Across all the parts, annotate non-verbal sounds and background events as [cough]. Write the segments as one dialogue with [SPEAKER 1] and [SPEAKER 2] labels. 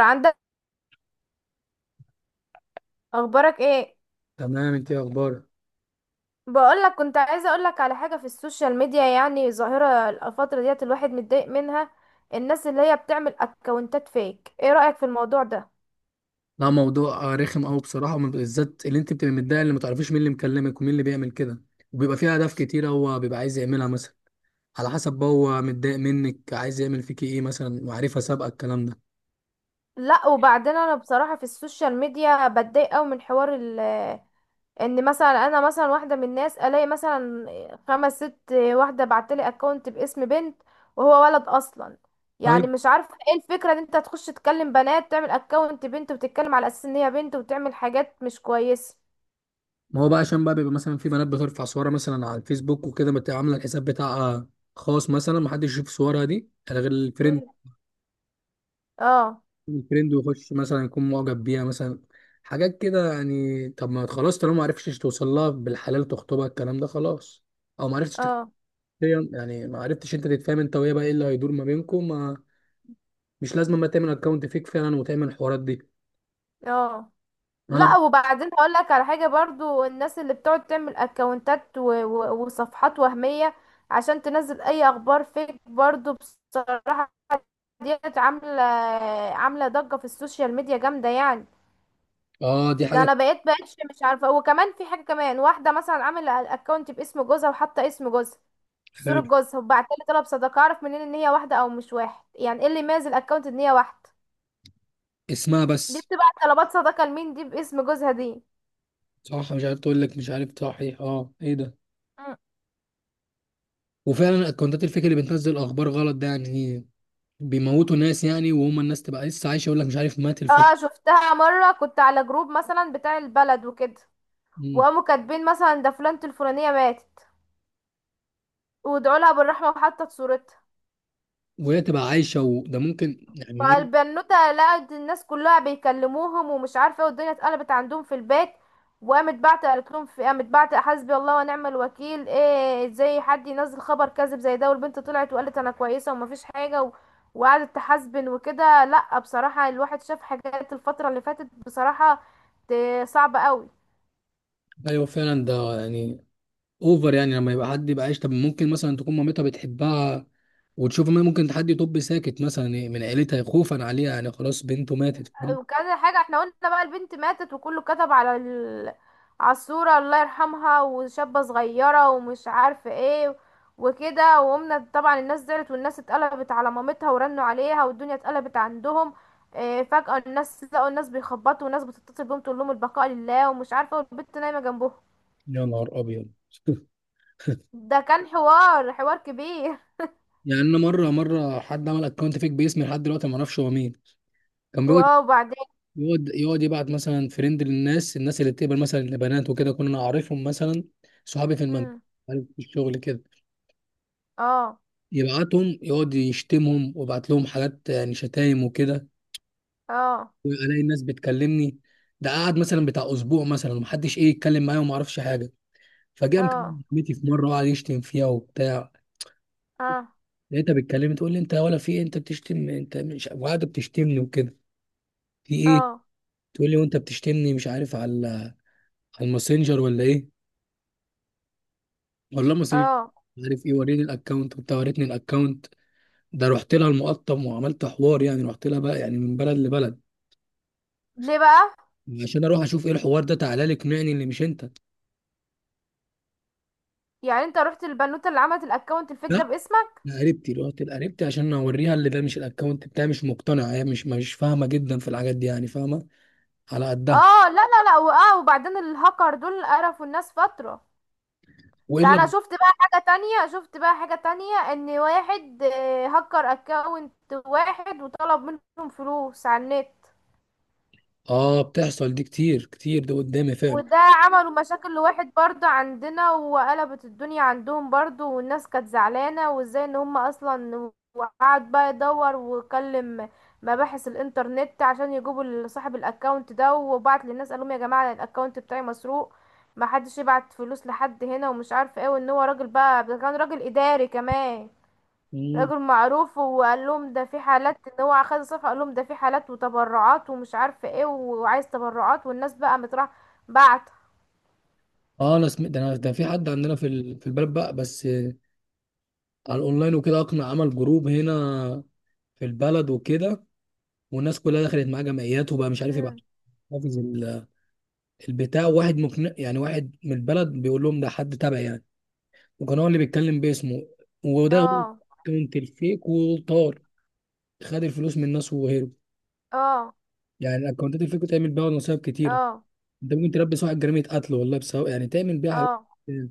[SPEAKER 1] عندك، اخبارك ايه؟
[SPEAKER 2] تمام، انت ايه اخبارك؟
[SPEAKER 1] بقول لك كنت عايزه اقول لك على حاجه في السوشيال ميديا، يعني ظاهره الفتره ديت الواحد متضايق منها. الناس اللي هي بتعمل اكونتات فيك، ايه رايك في الموضوع ده؟
[SPEAKER 2] لا، موضوع رخم قوي بصراحه، بالذات اللي انت بتبقى متضايق اللي ما تعرفيش مين اللي مكلمك ومين اللي بيعمل كده. وبيبقى فيه اهداف كتيره هو بيبقى عايز يعملها مثلا. على حسب بقى هو متضايق منك، عايز يعمل فيكي ايه مثلا، وعارفها سابقه الكلام ده.
[SPEAKER 1] لا وبعدين انا بصراحه في السوشيال ميديا بتضايق قوي من حوار ان مثلا، انا مثلا واحده من الناس الاقي مثلا خمس ست واحده بعتلي اكونت باسم بنت وهو ولد اصلا. يعني
[SPEAKER 2] طيب،
[SPEAKER 1] مش عارفه ايه الفكره ان انت تخش تكلم بنات، تعمل اكونت بنت وتتكلم على اساس ان هي بنت وتعمل حاجات مش كويسه.
[SPEAKER 2] ما هو بقى عشان بيبقى مثلا في بنات بترفع صورها مثلا على الفيسبوك وكده، بتبقى عامله الحساب بتاعها خاص مثلا، ما حدش يشوف صورها دي غير الفريند
[SPEAKER 1] مم. اه.
[SPEAKER 2] الترند، ويخش مثلا يكون معجب بيها مثلا، حاجات كده يعني. طب ما خلاص، طالما ما عرفتش توصل لها بالحلال تخطبها، الكلام ده خلاص. او ما عرفتش تت-
[SPEAKER 1] اه.
[SPEAKER 2] يعني ما عرفتش انت تتفاهم انت وهي، بقى ايه اللي هيدور ما بينكم؟ ما مش لازم ما تعمل اكونت فيك فعلا وتعمل الحوارات دي.
[SPEAKER 1] اه.
[SPEAKER 2] انا
[SPEAKER 1] لا وبعدين هقول لك على حاجه برضو، الناس اللي بتقعد تعمل اكونتات وصفحات وهميه عشان تنزل اي اخبار فيك برضو بصراحه. ديت عامله، عامله ضجه في السوشيال ميديا جامده يعني.
[SPEAKER 2] اه، دي
[SPEAKER 1] ده
[SPEAKER 2] حاجه.
[SPEAKER 1] انا بقيتش مش عارفه. وكمان في حاجه، كمان واحده مثلا عامله الاكونت باسم جوزها وحاطه اسم جوزها، صوره
[SPEAKER 2] حلو.
[SPEAKER 1] جوزها، وبعت لي طلب صداقه. اعرف منين ان هي واحده او مش واحد؟ يعني ايه اللي يميز الاكونت ان هي واحده؟
[SPEAKER 2] اسمها
[SPEAKER 1] دي
[SPEAKER 2] بس.
[SPEAKER 1] بتبعت طلبات صداقة لمين دي باسم جوزها دي؟
[SPEAKER 2] صح، مش عارف. تقول لك مش عارف، صحيح اه، ايه ده.
[SPEAKER 1] مم.
[SPEAKER 2] وفعلا الاكونتات الفيك اللي بتنزل اخبار غلط، ده يعني بيموتوا ناس يعني، وهم الناس تبقى لسه عايشه، يقول لك مش عارف مات الفلان،
[SPEAKER 1] اه شفتها مرة، كنت على جروب مثلا بتاع البلد وكده وقاموا كاتبين مثلا ده فلانة الفلانية ماتت وادعوا لها بالرحمة وحطت صورتها،
[SPEAKER 2] وهي تبقى عايشة. وده ممكن يعني ايه؟
[SPEAKER 1] فالبنوتة لقت الناس كلها بيكلموهم ومش عارفة ايه والدنيا اتقلبت عندهم في البيت. وقامت بعت، قالت لهم في، قامت بعت حسبي الله ونعم الوكيل، ايه ازاي حد ينزل خبر كاذب زي ده؟ والبنت طلعت وقالت انا كويسة ومفيش حاجة وقعدت تحاسبن وكده. لا بصراحة الواحد شاف حاجات الفترة اللي فاتت بصراحة صعبة قوي.
[SPEAKER 2] ايوه فعلا، ده يعني اوفر يعني، لما يبقى حد يبقى عايش. طب ممكن مثلا تكون مامتها بتحبها وتشوف، ما ممكن حد يطب ساكت مثلا إيه من عيلتها خوفا عليها يعني، خلاص بنته ماتت، فاهم؟
[SPEAKER 1] وكذا حاجة، احنا قلنا بقى البنت ماتت وكله كتب على على الصورة الله يرحمها وشابة صغيرة ومش عارفة ايه وكده، وقمنا طبعا الناس زعلت والناس اتقلبت على مامتها ورنوا عليها والدنيا اتقلبت عندهم. اه فجأة الناس لقوا الناس بيخبطوا والناس بتتصل بيهم تقول لهم البقاء لله ومش عارفة، والبنت نايمة جنبهم.
[SPEAKER 2] يا نهار ابيض. [laughs]
[SPEAKER 1] ده كان حوار كبير.
[SPEAKER 2] يعني انا مرة حد عمل اكونت فيك باسمي لحد دلوقتي ما اعرفش هو مين. كان
[SPEAKER 1] [laughs]
[SPEAKER 2] بيقعد،
[SPEAKER 1] واو وبعدين.
[SPEAKER 2] يقعد يبعت مثلا فريند للناس، الناس اللي بتقبل مثلا البنات وكده، كنا نعرفهم مثلا صحابي في المنزل،
[SPEAKER 1] مم.
[SPEAKER 2] في الشغل كده.
[SPEAKER 1] اه.
[SPEAKER 2] يبعتهم يقعد يشتمهم ويبعت لهم حاجات يعني شتايم وكده،
[SPEAKER 1] اه.
[SPEAKER 2] والاقي الناس بتكلمني. ده قعد مثلا بتاع اسبوع مثلا، ومحدش ايه يتكلم معايا وما اعرفش حاجه. فجاء
[SPEAKER 1] اه.
[SPEAKER 2] مكلم صاحبتي في مره وقعد يشتم فيها وبتاع،
[SPEAKER 1] اه.
[SPEAKER 2] لقيتها بتكلمني تقول لي: انت ولا في إيه؟ انت بتشتم، انت مش وقاعده بتشتمني وكده، في ايه؟
[SPEAKER 1] اه.
[SPEAKER 2] تقول لي: وانت بتشتمني. مش عارف، على على الماسنجر ولا ايه؟ والله ماسنجر،
[SPEAKER 1] اه.
[SPEAKER 2] مش عارف ايه، وريني الاكونت وبتاع. وريتني الاكونت، ده رحت لها المقطم وعملت حوار يعني، رحت لها بقى يعني من بلد لبلد،
[SPEAKER 1] ليه بقى؟
[SPEAKER 2] عشان اروح اشوف ايه الحوار ده. تعالى لي اقنعني اللي مش انت.
[SPEAKER 1] يعني انت رحت البنوتة اللي عملت الاكونت الفيك ده
[SPEAKER 2] لا،
[SPEAKER 1] باسمك؟
[SPEAKER 2] انا قريبتي، رحت لقريبتي عشان اوريها اللي ده مش الاكونت بتاعي، مش مقتنعه، هي مش فاهمه جدا في الحاجات دي يعني، فاهمه على قدها.
[SPEAKER 1] اه لا لا لا. واه وبعدين الهاكر دول قرفوا الناس فترة، ده انا
[SPEAKER 2] والا
[SPEAKER 1] شفت بقى حاجة تانية. شفت بقى حاجة تانية ان واحد هكر اكونت واحد وطلب منهم فلوس على النت.
[SPEAKER 2] اه، بتحصل دي كتير كتير، ده قدامي فعلا.
[SPEAKER 1] وده عملوا مشاكل لواحد برضه عندنا وقلبت الدنيا عندهم برضه، والناس كانت زعلانة وازاي ان هم اصلا. وقعد بقى يدور وكلم مباحث الانترنت عشان يجيبوا صاحب الاكونت ده، وبعت للناس قالهم يا جماعة أنا الاكونت بتاعي مسروق، ما حدش يبعت فلوس لحد، هنا ومش عارف ايه. وان هو راجل بقى، ده كان راجل اداري كمان،
[SPEAKER 2] مم.
[SPEAKER 1] راجل معروف. وقال لهم ده في حالات، ان هو اخد الصفحة قال لهم ده في حالات وتبرعات ومش عارف ايه وعايز تبرعات، والناس بقى متراح بعت.
[SPEAKER 2] اه، انا سمعت ده، انا ده في حد عندنا في في البلد بقى، بس آه، على الاونلاين وكده، اقنع عمل جروب هنا في البلد وكده، والناس كلها دخلت معاه جمعيات، وبقى مش عارف يبقى
[SPEAKER 1] مم.
[SPEAKER 2] حافظ البتاع. واحد مقنع يعني، واحد من البلد بيقول لهم ده حد تبعي يعني، وكان هو اللي بيتكلم باسمه. وده هو
[SPEAKER 1] اه.
[SPEAKER 2] الاكونت الفيك، وطار، خد الفلوس من الناس وهرب.
[SPEAKER 1] اه.
[SPEAKER 2] يعني الاكونتات الفيك بتعمل بيها نصايب كتيره،
[SPEAKER 1] اه.
[SPEAKER 2] انت ممكن تلبس واحد جريمه قتل والله، بسبب يعني تعمل بيها حاجات
[SPEAKER 1] اه.
[SPEAKER 2] كتير.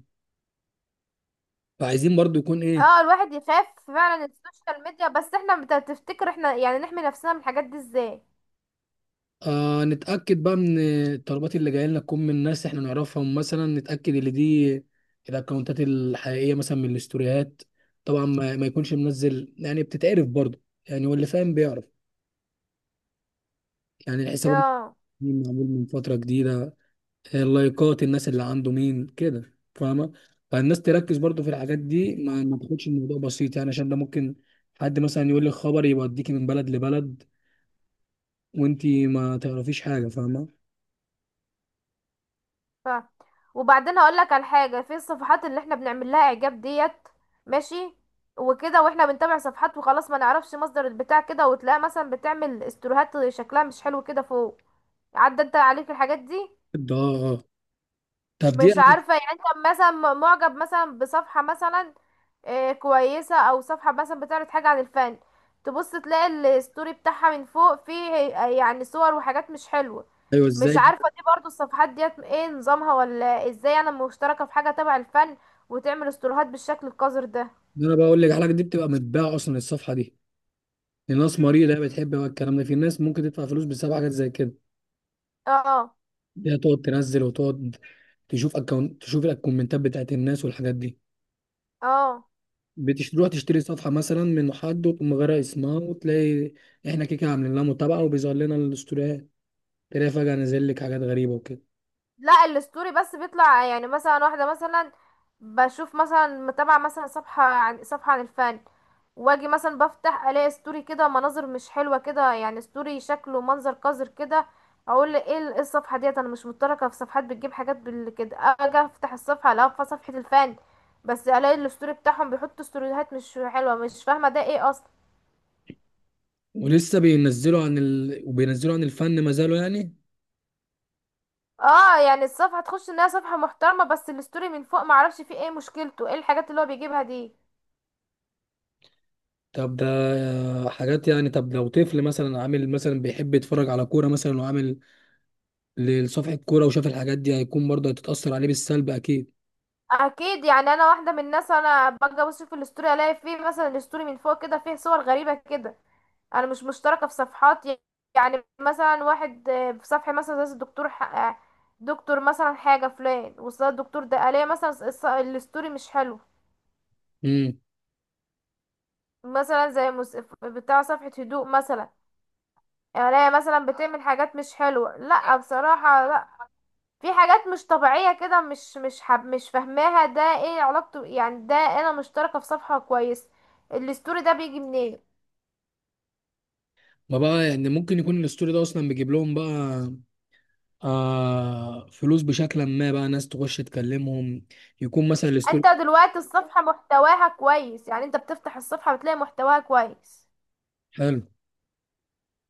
[SPEAKER 2] فعايزين برضو يكون ايه،
[SPEAKER 1] اه. الواحد يخاف فعلا السوشيال ميديا. بس احنا تفتكر احنا يعني نحمي نفسنا من الحاجات دي ازاي؟
[SPEAKER 2] آه، نتاكد بقى من الطلبات اللي جايه لنا تكون من ناس احنا نعرفهم مثلا، نتاكد ان دي الاكونتات الحقيقيه مثلا، من الاستوريات طبعا، ما يكونش منزل يعني، بتتعرف برضو يعني، واللي فاهم بيعرف يعني الحساب
[SPEAKER 1] اه.
[SPEAKER 2] معمول من فتره جديده، اللايكات الناس اللي عنده مين كده، فاهمه؟ فالناس تركز برضو في الحاجات دي، ما تاخدش الموضوع بسيط يعني، عشان ده ممكن حد مثلا يقول لك خبر يوديكي من بلد لبلد وانتي ما تعرفيش حاجه، فاهمه؟
[SPEAKER 1] ف وبعدين هقول لك على حاجه، في الصفحات اللي احنا بنعمل لها اعجاب ديت. ماشي وكده، واحنا بنتابع صفحات وخلاص ما نعرفش مصدر البتاع كده، وتلاقيها مثلا بتعمل استوريهات شكلها مش حلو كده فوق. عدى انت عليك الحاجات دي؟
[SPEAKER 2] ده اه، طب دي
[SPEAKER 1] مش عارفة يعني انت مثلا معجب مثلا بصفحة مثلا كويسة، او صفحة مثلا بتعرض حاجة عن الفن، تبص تلاقي الستوري بتاعها من فوق فيه يعني صور وحاجات مش حلوة.
[SPEAKER 2] ايوه
[SPEAKER 1] مش
[SPEAKER 2] ازاي.
[SPEAKER 1] عارفة دي برضو الصفحات ديت ايه نظامها ولا ازاي؟ انا مشتركة في حاجة تبع الفن وتعمل استوريهات بالشكل القذر ده؟
[SPEAKER 2] ده انا بقول لك الحاجه دي بتبقى متباعه اصلا، الصفحه دي لناس مريضه بتحب بقى الكلام ده، في ناس ممكن تدفع فلوس بسبب حاجات زي كده.
[SPEAKER 1] اه
[SPEAKER 2] دي هتقعد تنزل وتقعد تشوف الكومنتات بتاعت الناس والحاجات دي،
[SPEAKER 1] اه. اه.
[SPEAKER 2] بتروح تشتري صفحة مثلا من حد وتقوم غارق اسمها، وتلاقي احنا كده كده عاملين لها متابعة، وبيظهر لنا الاستوريات، تلاقي فجأة نازل لك حاجات غريبة وكده،
[SPEAKER 1] لا الستوري بس بيطلع، يعني مثلا واحدة مثلا بشوف مثلا متابعة مثلا صفحة، عن صفحة عن الفن، واجي مثلا بفتح الاقي ستوري كده مناظر مش حلوة كده، يعني ستوري شكله منظر قذر كده. اقول ايه إيه الصفحة ديت؟ انا مش متركة في صفحات بتجيب حاجات بال كده. اجي افتح الصفحة الاقي في صفحة الفن، بس الاقي الستوري بتاعهم بيحطوا ستوريهات مش حلوة، مش فاهمة ده ايه اصلا.
[SPEAKER 2] ولسه بينزلوا عن ال... وبينزلوا عن الفن ما زالوا يعني.
[SPEAKER 1] اه يعني الصفحة تخش انها صفحة محترمة بس الستوري من فوق معرفش فيه ايه مشكلته، ايه الحاجات اللي هو بيجيبها دي؟
[SPEAKER 2] طب ده حاجات يعني، طب لو طفل مثلا عامل مثلا بيحب يتفرج على كورة مثلا، وعامل لصفحة كورة وشاف الحاجات دي، هيكون برضه هتتأثر عليه بالسلب أكيد.
[SPEAKER 1] اكيد، يعني انا واحده من الناس انا باجي ابص في الاستوري الاقي فيه مثلا الاستوري من فوق كده فيه صور غريبه كده. انا مش مشتركه في صفحات يعني مثلا واحد في صفحه مثلا زي الدكتور دكتور مثلا حاجه فلان، وصل الدكتور ده الاقي مثلا الاستوري مش حلو.
[SPEAKER 2] امم
[SPEAKER 1] مثلا بتاع صفحه هدوء مثلا، الاقي مثلا بتعمل حاجات مش حلوه. لا بصراحه لا، في حاجات مش طبيعية كده، مش حب، مش فاهماها ده ايه علاقته؟ يعني ده انا مشتركة في صفحة كويس، الستوري ده بيجي منين؟
[SPEAKER 2] ما بقى يعني ممكن يكون الاستوري ده أصلا بيجيب لهم بقى آه فلوس بشكل ما، بقى ناس تخش تكلمهم، يكون مثلا الستوري
[SPEAKER 1] انت دلوقتي الصفحة محتواها كويس، يعني انت بتفتح الصفحة بتلاقي محتواها كويس،
[SPEAKER 2] حلو.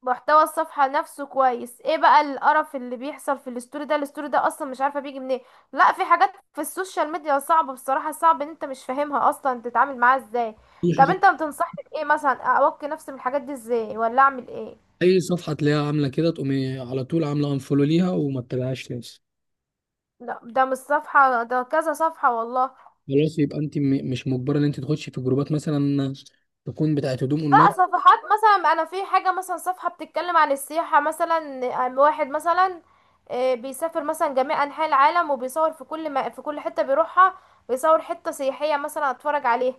[SPEAKER 1] محتوى الصفحة نفسه كويس، ايه بقى القرف اللي بيحصل في الستوري ده؟ الستوري ده اصلا مش عارفة بيجي منين. لا في حاجات في السوشيال ميديا صعبة بصراحة، صعب ان انت مش فاهمها اصلا تتعامل معاها ازاي.
[SPEAKER 2] اي
[SPEAKER 1] طب
[SPEAKER 2] حاجه
[SPEAKER 1] انت بتنصحني بايه مثلا اوقي نفسي من الحاجات دي ازاي ولا اعمل ايه؟
[SPEAKER 2] اي صفحه تلاقيها عامله كده، تقومي على طول عامله انفولو ليها وما تتابعهاش تاني.
[SPEAKER 1] لا ده مش صفحة، ده كذا صفحة والله.
[SPEAKER 2] خلاص، يبقى انت مش مجبره ان انت تخشي في جروبات مثلا تكون بتاعت هدوم
[SPEAKER 1] لا
[SPEAKER 2] اونلاين.
[SPEAKER 1] صفحات مثلا، انا في حاجة مثلا صفحة بتتكلم عن السياحة مثلا، عن واحد مثلا بيسافر مثلا جميع انحاء العالم وبيصور في كل، ما في كل حتة بيروحها بيصور حتة سياحية مثلا اتفرج عليها.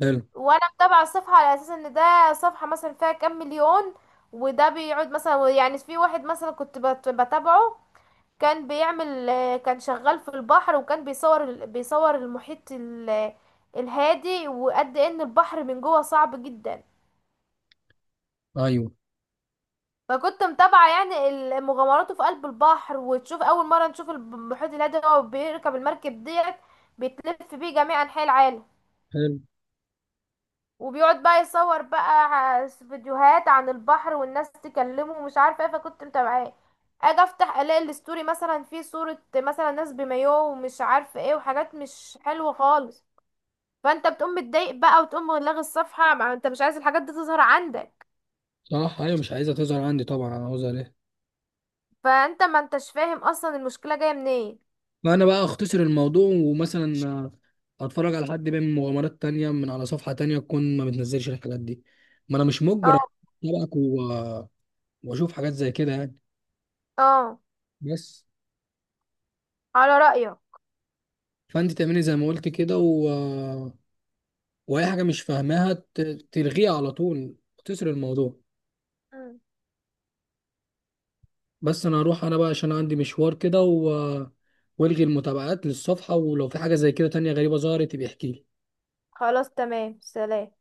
[SPEAKER 2] حلو،
[SPEAKER 1] وانا متابعة الصفحة على اساس ان ده صفحة مثلا فيها كام مليون. وده بيقعد مثلا، يعني في واحد مثلا كنت بتابعه، كان بيعمل كان شغال في البحر وكان بيصور بيصور المحيط الهادي، وقد ان البحر من جوه صعب جدا.
[SPEAKER 2] ايوه
[SPEAKER 1] فكنت متابعة يعني مغامراته في قلب البحر، وتشوف اول مرة نشوف المحيط الهادي، هو بيركب المركب ديت بيتلف بيه جميع انحاء العالم،
[SPEAKER 2] حلو،
[SPEAKER 1] وبيقعد بقى يصور بقى فيديوهات عن البحر والناس تكلمه ومش عارفه ايه، فكنت متابعاه. اجي افتح الاقي الستوري مثلا فيه صورة مثلا ناس بمايوه ومش عارفه ايه وحاجات مش حلوة خالص، فانت بتقوم متضايق بقى وتقوم لاغي الصفحة، ما انت مش عايز الحاجات دي تظهر عندك.
[SPEAKER 2] صح، ايوه، مش عايزها تظهر عندي طبعا، انا عاوزها ليه؟
[SPEAKER 1] فانت ما انتش فاهم اصلا المشكلة جاية منين.
[SPEAKER 2] فانا بقى اختصر الموضوع ومثلا آه، اتفرج على حد بيعمل مغامرات تانية من على صفحه تانية تكون ما بتنزلش الحاجات دي، ما انا مش مجبر
[SPEAKER 1] اه.
[SPEAKER 2] اتابعك واشوف حاجات زي كده يعني،
[SPEAKER 1] اه.
[SPEAKER 2] بس.
[SPEAKER 1] على رأيك.
[SPEAKER 2] فانت تعملي زي ما قلت كده و... واي حاجه مش فاهماها تلغيها على طول وتسر الموضوع.
[SPEAKER 1] مم.
[SPEAKER 2] بس انا هروح انا بقى عشان عندي مشوار كده، و... والغي المتابعات للصفحه، ولو في حاجه زي كده تانية غريبه ظهرت يبقى احكيلي.
[SPEAKER 1] خلاص تمام، سلام.